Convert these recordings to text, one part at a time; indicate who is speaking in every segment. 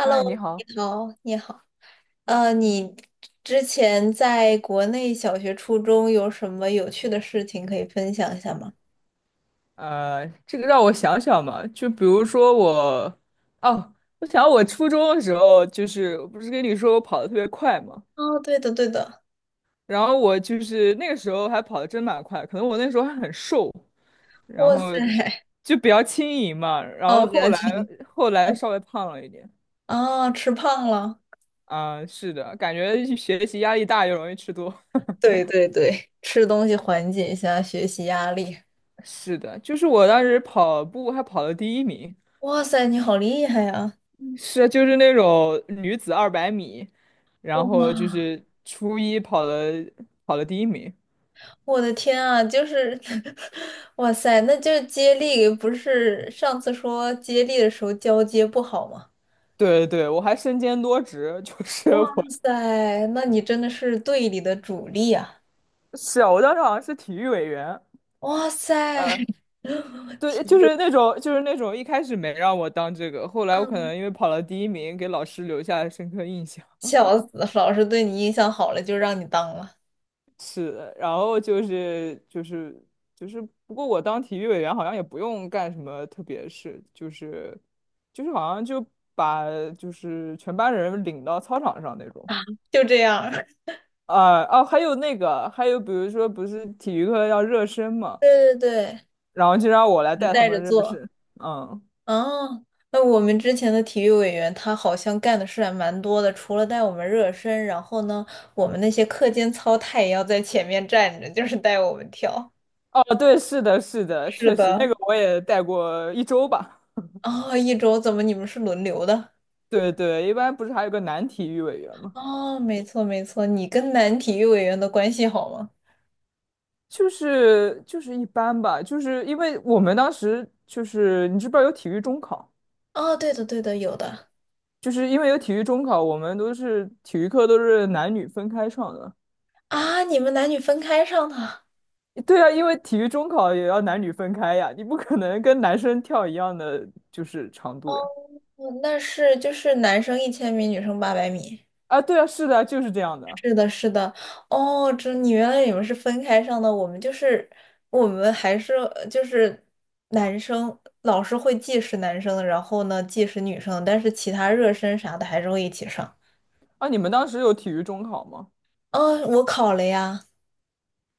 Speaker 1: 嗨，你 好，
Speaker 2: 你好，你好。你之前在国内小学、初中有什么有趣的事情可以分享一下吗？
Speaker 1: 这个让我想想嘛，就比如说哦，我想我初中的时候，就是我不是跟你说我跑得特别快嘛，
Speaker 2: 哦，对的，对的。
Speaker 1: 然后我就是那个时候还跑得真蛮快，可能我那时候还很瘦，然
Speaker 2: 哇
Speaker 1: 后
Speaker 2: 塞，
Speaker 1: 就比较轻盈嘛，然后
Speaker 2: 哦，不要
Speaker 1: 后来稍微胖了一点，
Speaker 2: 哦，吃胖了。
Speaker 1: 啊、是的，感觉学习压力大又容易吃多，
Speaker 2: 对对对，吃东西缓解一下学习压力。
Speaker 1: 是的，就是我当时跑步还跑了第一名。
Speaker 2: 哇塞，你好厉害呀！
Speaker 1: 是就是那种女子200米，然后就
Speaker 2: 哇，
Speaker 1: 是初一跑了第一名。
Speaker 2: 我的天啊，就是，哇塞，那就是接力，不是上次说接力的时候交接不好吗？
Speaker 1: 对对，对，我还身兼多职，就是
Speaker 2: 哇
Speaker 1: 我
Speaker 2: 塞，那你真的是队里的主力啊！
Speaker 1: 是啊，我当时好像是体育委员。
Speaker 2: 哇塞，
Speaker 1: 对，
Speaker 2: 体
Speaker 1: 就
Speaker 2: 育，
Speaker 1: 是那种就是那种一开始没让我当这个，后来我可
Speaker 2: 嗯，
Speaker 1: 能因为跑了第一名，给老师留下了深刻印象。
Speaker 2: 笑死了老师对你印象好了就让你当了，
Speaker 1: 是的，然后就是，不过我当体育委员好像也不用干什么特别事，就是好像就把全班人领到操场上那种。
Speaker 2: 就这样儿
Speaker 1: 啊哦，还有那个，还有比如说不是体育课要热身嘛，
Speaker 2: 对对对，
Speaker 1: 然后就让我来
Speaker 2: 你
Speaker 1: 带他
Speaker 2: 带着
Speaker 1: 们热
Speaker 2: 做。
Speaker 1: 身。嗯，
Speaker 2: 哦，那我们之前的体育委员他好像干的事还蛮多的，除了带我们热身，然后呢，我们那些课间操他也要在前面站着，就是带我们跳。
Speaker 1: 哦对，是的，是的，
Speaker 2: 是
Speaker 1: 确实那个
Speaker 2: 的。
Speaker 1: 我也带过1周吧。
Speaker 2: 哦，一周怎么你们是轮流的？
Speaker 1: 对对，一般不是还有个男体育委员吗？
Speaker 2: 哦，没错没错，你跟男体育委员的关系好吗？
Speaker 1: 就是一般吧，就是因为我们当时就是你知不知道有体育中考，
Speaker 2: 哦，对的对的，有的
Speaker 1: 就是因为有体育中考，我们都是体育课都是男女分开上的。
Speaker 2: 啊，你们男女分开上的，
Speaker 1: 对啊，因为体育中考也要男女分开呀，你不可能跟男生跳一样的就是长
Speaker 2: 哦，
Speaker 1: 度呀。
Speaker 2: 那是就是男生1000米，女生八百米，
Speaker 1: 啊，对啊，是的，就是这样的。
Speaker 2: 是的是的，哦，这你原来你们是分开上的，我们就是男生，老师会计时男生，然后呢计时女生，但是其他热身啥的还是会一起上。
Speaker 1: 啊，你们当时有体育中考吗？
Speaker 2: 哦，我考了呀。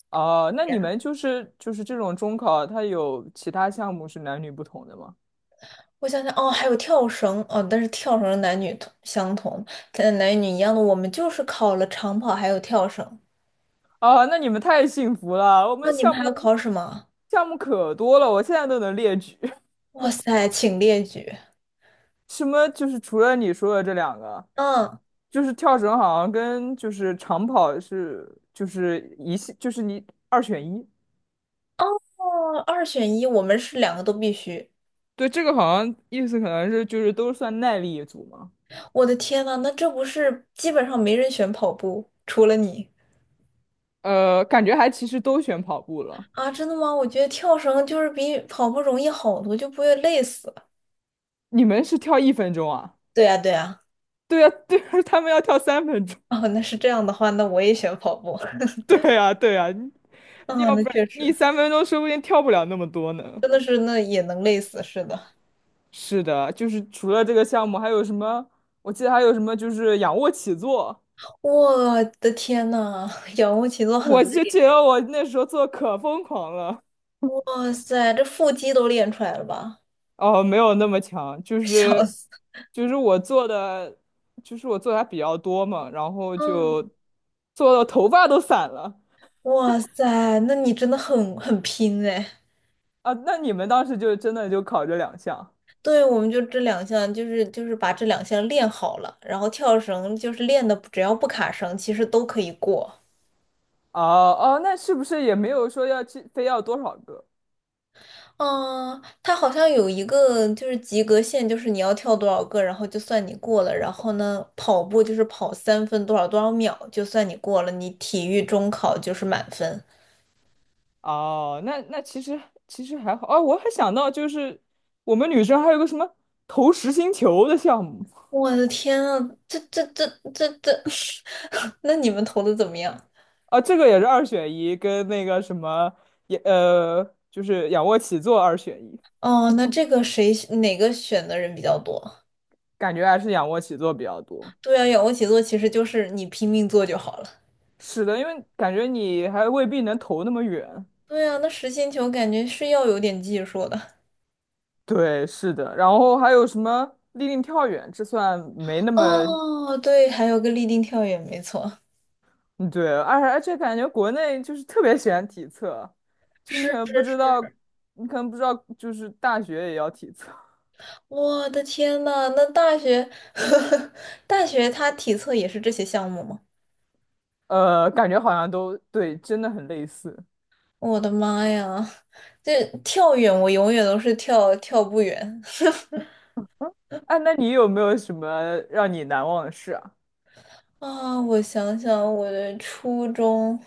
Speaker 1: 啊，那你们就是这种中考，它有其他项目是男女不同的吗？
Speaker 2: 我想想，哦，还有跳绳，哦，但是跳绳男女同相同，男女一样的，我们就是考了长跑还有跳绳。
Speaker 1: 啊，那你们太幸福了，我
Speaker 2: 那
Speaker 1: 们
Speaker 2: 你
Speaker 1: 项
Speaker 2: 们还要
Speaker 1: 目。
Speaker 2: 考什么？
Speaker 1: 项目可多了，我现在都能列举。
Speaker 2: 哇塞，请列举。
Speaker 1: 什么就是除了你说的这两个，
Speaker 2: 嗯，
Speaker 1: 就是跳绳好像跟就是长跑是就是就是你二选一。
Speaker 2: 哦，二选一，我们是两个都必须。
Speaker 1: 对，这个好像意思可能是就是都算耐力一组嘛。
Speaker 2: 我的天呐，那这不是基本上没人选跑步，除了你
Speaker 1: 呃，感觉还其实都选跑步了。
Speaker 2: 啊？真的吗？我觉得跳绳就是比跑步容易好多，就不会累死。
Speaker 1: 你们是跳1分钟啊？
Speaker 2: 对呀，对呀。
Speaker 1: 对呀，对呀，他们要跳三分钟。
Speaker 2: 哦，那是这样的话，那我也选跑步。
Speaker 1: 对呀，对呀，你
Speaker 2: 啊，
Speaker 1: 要
Speaker 2: 那
Speaker 1: 不然
Speaker 2: 确
Speaker 1: 你
Speaker 2: 实，
Speaker 1: 三分钟说不定跳不了那么多呢。
Speaker 2: 真的是那也能累死，是的。
Speaker 1: 是的，就是除了这个项目，还有什么？我记得还有什么，就是仰卧起坐，
Speaker 2: 我的天呐，仰卧起坐很
Speaker 1: 我就觉
Speaker 2: 累，
Speaker 1: 得我那时候做可疯狂了。
Speaker 2: 哇塞，这腹肌都练出来了吧？
Speaker 1: 哦，没有那么强，就
Speaker 2: 笑
Speaker 1: 是
Speaker 2: 死！
Speaker 1: 就是我做的，就是我做的还比较多嘛，然后
Speaker 2: 嗯，
Speaker 1: 就做到头发都散了
Speaker 2: 哇塞，那你真的很拼哎。
Speaker 1: 啊。那你们当时就真的就考这两项？
Speaker 2: 对，我们就这两项，就是把这两项练好了，然后跳绳就是练的，只要不卡绳，其实都可以过。
Speaker 1: 哦哦，那是不是也没有说要去非要多少个？
Speaker 2: 嗯，它好像有一个就是及格线，就是你要跳多少个，然后就算你过了。然后呢，跑步就是跑三分多少多少秒，就算你过了。你体育中考就是满分。
Speaker 1: 哦，那其实还好啊，我还想到就是我们女生还有个什么投实心球的项目
Speaker 2: 我的天啊，这这这这，那你们投的怎么样？
Speaker 1: 啊，这个也是二选一，跟那个什么也就是仰卧起坐二选一，
Speaker 2: 哦，那这个谁哪个选的人比较多？
Speaker 1: 感觉还是仰卧起坐比较多。
Speaker 2: 对啊，仰卧起坐其实就是你拼命做就好了。
Speaker 1: 是的，因为感觉你还未必能投那么远。
Speaker 2: 对啊，那实心球感觉是要有点技术的。
Speaker 1: 对，是的。然后还有什么立定跳远，这算没那么
Speaker 2: 哦，对，还有个立定跳远，没错。
Speaker 1: 嗯对，而且感觉国内就是特别喜欢体测，就
Speaker 2: 是
Speaker 1: 你可能不
Speaker 2: 是
Speaker 1: 知
Speaker 2: 是，
Speaker 1: 道，你可能不知道，就是大学也要体测，
Speaker 2: 我的天呐，那大学，大学它体测也是这些项目吗？
Speaker 1: 感觉好像都对，真的很类似。
Speaker 2: 我的妈呀，这跳远我永远都是跳不远。
Speaker 1: 哎，那你有没有什么让你难忘的事啊？
Speaker 2: 啊，我想想，我的初中，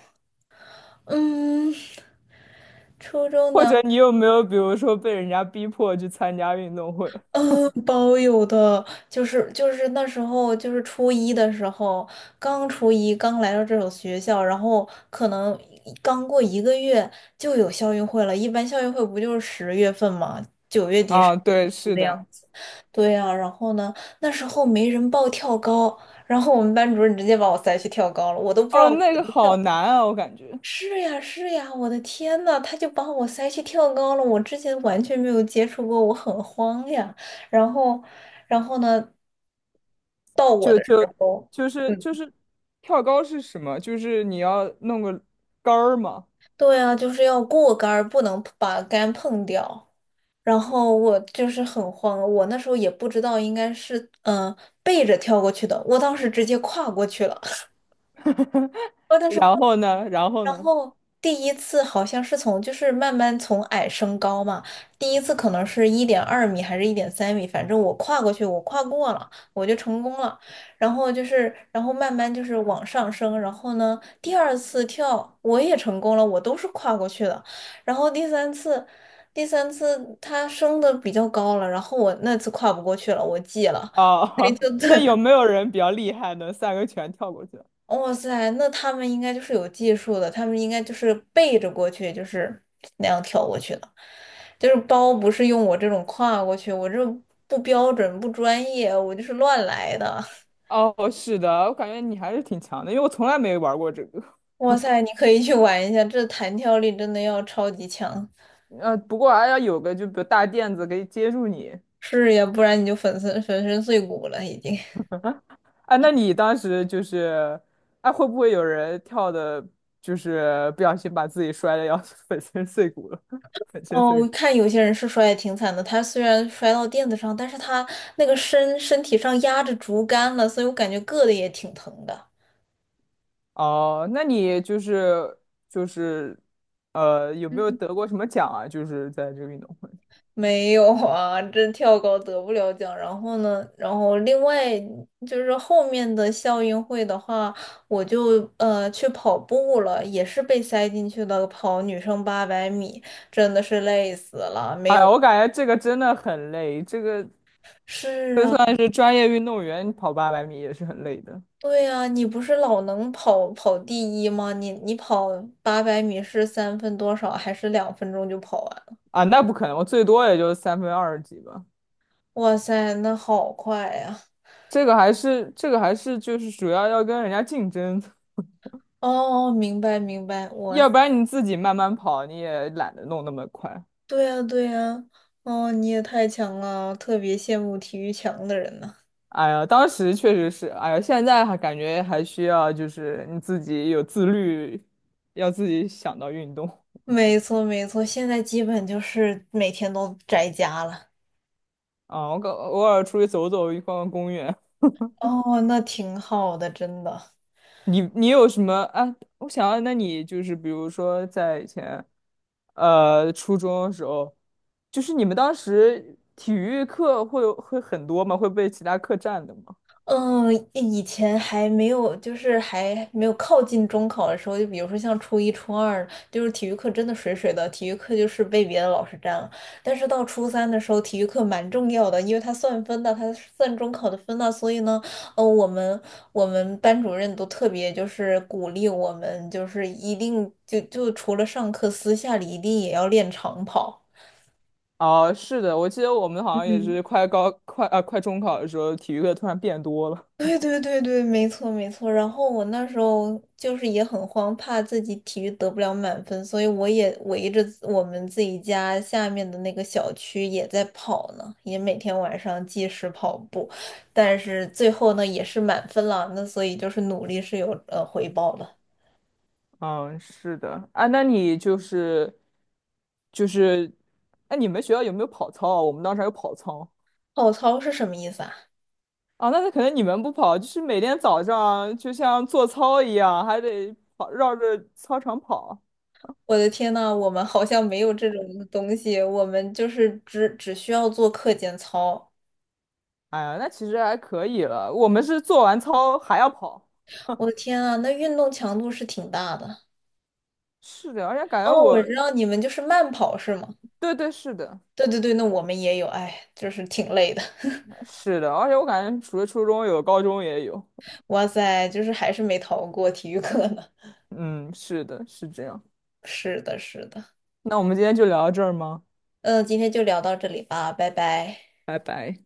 Speaker 2: 嗯，初中
Speaker 1: 或
Speaker 2: 呢，
Speaker 1: 者你有没有比如说被人家逼迫去参加运动会？
Speaker 2: 嗯，包有的，就是那时候就是初一的时候，刚初一刚来到这所学校，然后可能刚过一个月就有校运会了，一般校运会不就是10月份嘛，9月底十
Speaker 1: 啊，
Speaker 2: 月
Speaker 1: 对，
Speaker 2: 初
Speaker 1: 是
Speaker 2: 的
Speaker 1: 的。
Speaker 2: 样子。对呀，然后呢，那时候没人报跳高，然后我们班主任直接把我塞去跳高了，我都不知道
Speaker 1: 哦，
Speaker 2: 我
Speaker 1: 那
Speaker 2: 怎
Speaker 1: 个
Speaker 2: 么跳。
Speaker 1: 好难啊，我感觉，
Speaker 2: 是呀，是呀，我的天呐，他就把我塞去跳高了，我之前完全没有接触过，我很慌呀。然后，然后呢，到我
Speaker 1: 就
Speaker 2: 的时
Speaker 1: 就
Speaker 2: 候，
Speaker 1: 就是
Speaker 2: 嗯，
Speaker 1: 就是跳高是什么？就是你要弄个杆儿嘛，
Speaker 2: 对啊，就是要过杆儿，不能把杆碰掉。然后我就是很慌，我那时候也不知道应该是嗯、呃背着跳过去的，我当时直接跨过去了，我当时。跨。
Speaker 1: 然后呢，然后
Speaker 2: 然
Speaker 1: 呢？
Speaker 2: 后第一次好像是从就是慢慢从矮升高嘛，第一次可能是1.2米还是1.3米，反正我跨过去，我跨过了，我就成功了。然后就是，然后慢慢就是往上升，然后呢，第二次跳我也成功了，我都是跨过去的。然后第三次它升的比较高了，然后我那次跨不过去了，我记了，对，
Speaker 1: 哦，
Speaker 2: 就 对，
Speaker 1: 那有没有人比较厉害，能三个全跳过去？
Speaker 2: 哇塞，那他们应该就是有技术的，他们应该就是背着过去，就是那样跳过去的，就是包不是用我这种跨过去，我这不标准不专业，我就是乱来的。
Speaker 1: 哦，是的，我感觉你还是挺强的，因为我从来没玩过这个。
Speaker 2: 哇塞，你可以去玩一下，这弹跳力真的要超级强，
Speaker 1: 不过还要有个就比如大垫子可以接住你。
Speaker 2: 是呀，不然你就粉身碎骨了已经。
Speaker 1: 哎，那你当时就是，哎，会不会有人跳的，就是不小心把自己摔的要 粉身碎骨了？粉身
Speaker 2: 哦，
Speaker 1: 碎
Speaker 2: 我
Speaker 1: 骨。
Speaker 2: 看有些人是摔的挺惨的，他虽然摔到垫子上，但是他那个身体上压着竹竿了，所以我感觉硌的也挺疼的。
Speaker 1: 哦，那你就是就是，有没有得过什么奖啊？就是在这个运动会。
Speaker 2: 没有啊，这跳高得不了奖。然后呢，然后另外就是后面的校运会的话，我就去跑步了，也是被塞进去的，跑女生八百米，真的是累死了，没
Speaker 1: 哎
Speaker 2: 有。
Speaker 1: 呀，我感觉这个真的很累，这个。
Speaker 2: 是
Speaker 1: 就
Speaker 2: 啊，
Speaker 1: 算是专业运动员跑800米也是很累的
Speaker 2: 对啊，你不是老能跑第一吗？你跑八百米是三分多少，还是2分钟就跑完了
Speaker 1: 啊，那不可能，我最多也就3分20几吧。
Speaker 2: 哇塞，那好快呀！
Speaker 1: 这个还是就是主要要跟人家竞争，
Speaker 2: 哦，明白明白，我。
Speaker 1: 要不然你自己慢慢跑你也懒得弄那么快。
Speaker 2: 对呀，对呀，哦，你也太强了，特别羡慕体育强的人呢。
Speaker 1: 哎呀，当时确实是，哎呀，现在还感觉还需要就是你自己有自律，要自己想到运动
Speaker 2: 没错，没错，现在基本就是每天都宅家了。
Speaker 1: 啊。我偶尔出去走走，逛逛公园，
Speaker 2: 哦，那挺好的，真的。
Speaker 1: 你有什么啊？我想要，那你就是比如说在以前，初中的时候，就是你们当时体育课会有会很多吗？会被其他课占的吗？
Speaker 2: 嗯，以前还没有，就是还没有靠近中考的时候，就比如说像初一、初二，就是体育课真的水水的，体育课就是被别的老师占了。但是到初三的时候，体育课蛮重要的，因为它算分的，它算中考的分的。所以呢，呃，我们我们班主任都特别就是鼓励我们，就是一定就除了上课，私下里一定也要练长跑。
Speaker 1: 哦，是的，我记得我们好像也
Speaker 2: 嗯。
Speaker 1: 是快高快啊快中考的时候，体育课突然变多了。
Speaker 2: 对对对对，没错没错。然后我那时候就是也很慌，怕自己体育得不了满分，所以我也围着我们自己家下面的那个小区也在跑呢，也每天晚上计时跑步。但是最后呢，也是满分了，那所以就是努力是有回报的。
Speaker 1: 嗯，是的啊，那你就是，哎，你们学校有没有跑操啊？我们当时还有跑操。
Speaker 2: 跑操是什么意思啊？
Speaker 1: 啊，那是可能你们不跑，就是每天早上就像做操一样，还得跑，绕着操场跑。
Speaker 2: 我的天呐，我们好像没有这种东西，我们就是只需要做课间操。
Speaker 1: 哎呀，那其实还可以了。我们是做完操还要跑。
Speaker 2: 我的天啊，那运动强度是挺大的。
Speaker 1: 是的，而且感觉
Speaker 2: 哦，我
Speaker 1: 我，
Speaker 2: 知道你们就是慢跑是吗？
Speaker 1: 对对，是的，
Speaker 2: 对对对，那我们也有，哎，就是挺累的。
Speaker 1: 是的，而且我感觉除了初中有，高中也有。
Speaker 2: 哇塞，就是还是没逃过体育课呢。
Speaker 1: 嗯，是的，是这样。
Speaker 2: 是的，是的。
Speaker 1: 那我们今天就聊到这儿吗？
Speaker 2: 嗯，今天就聊到这里吧，拜拜。
Speaker 1: 拜拜。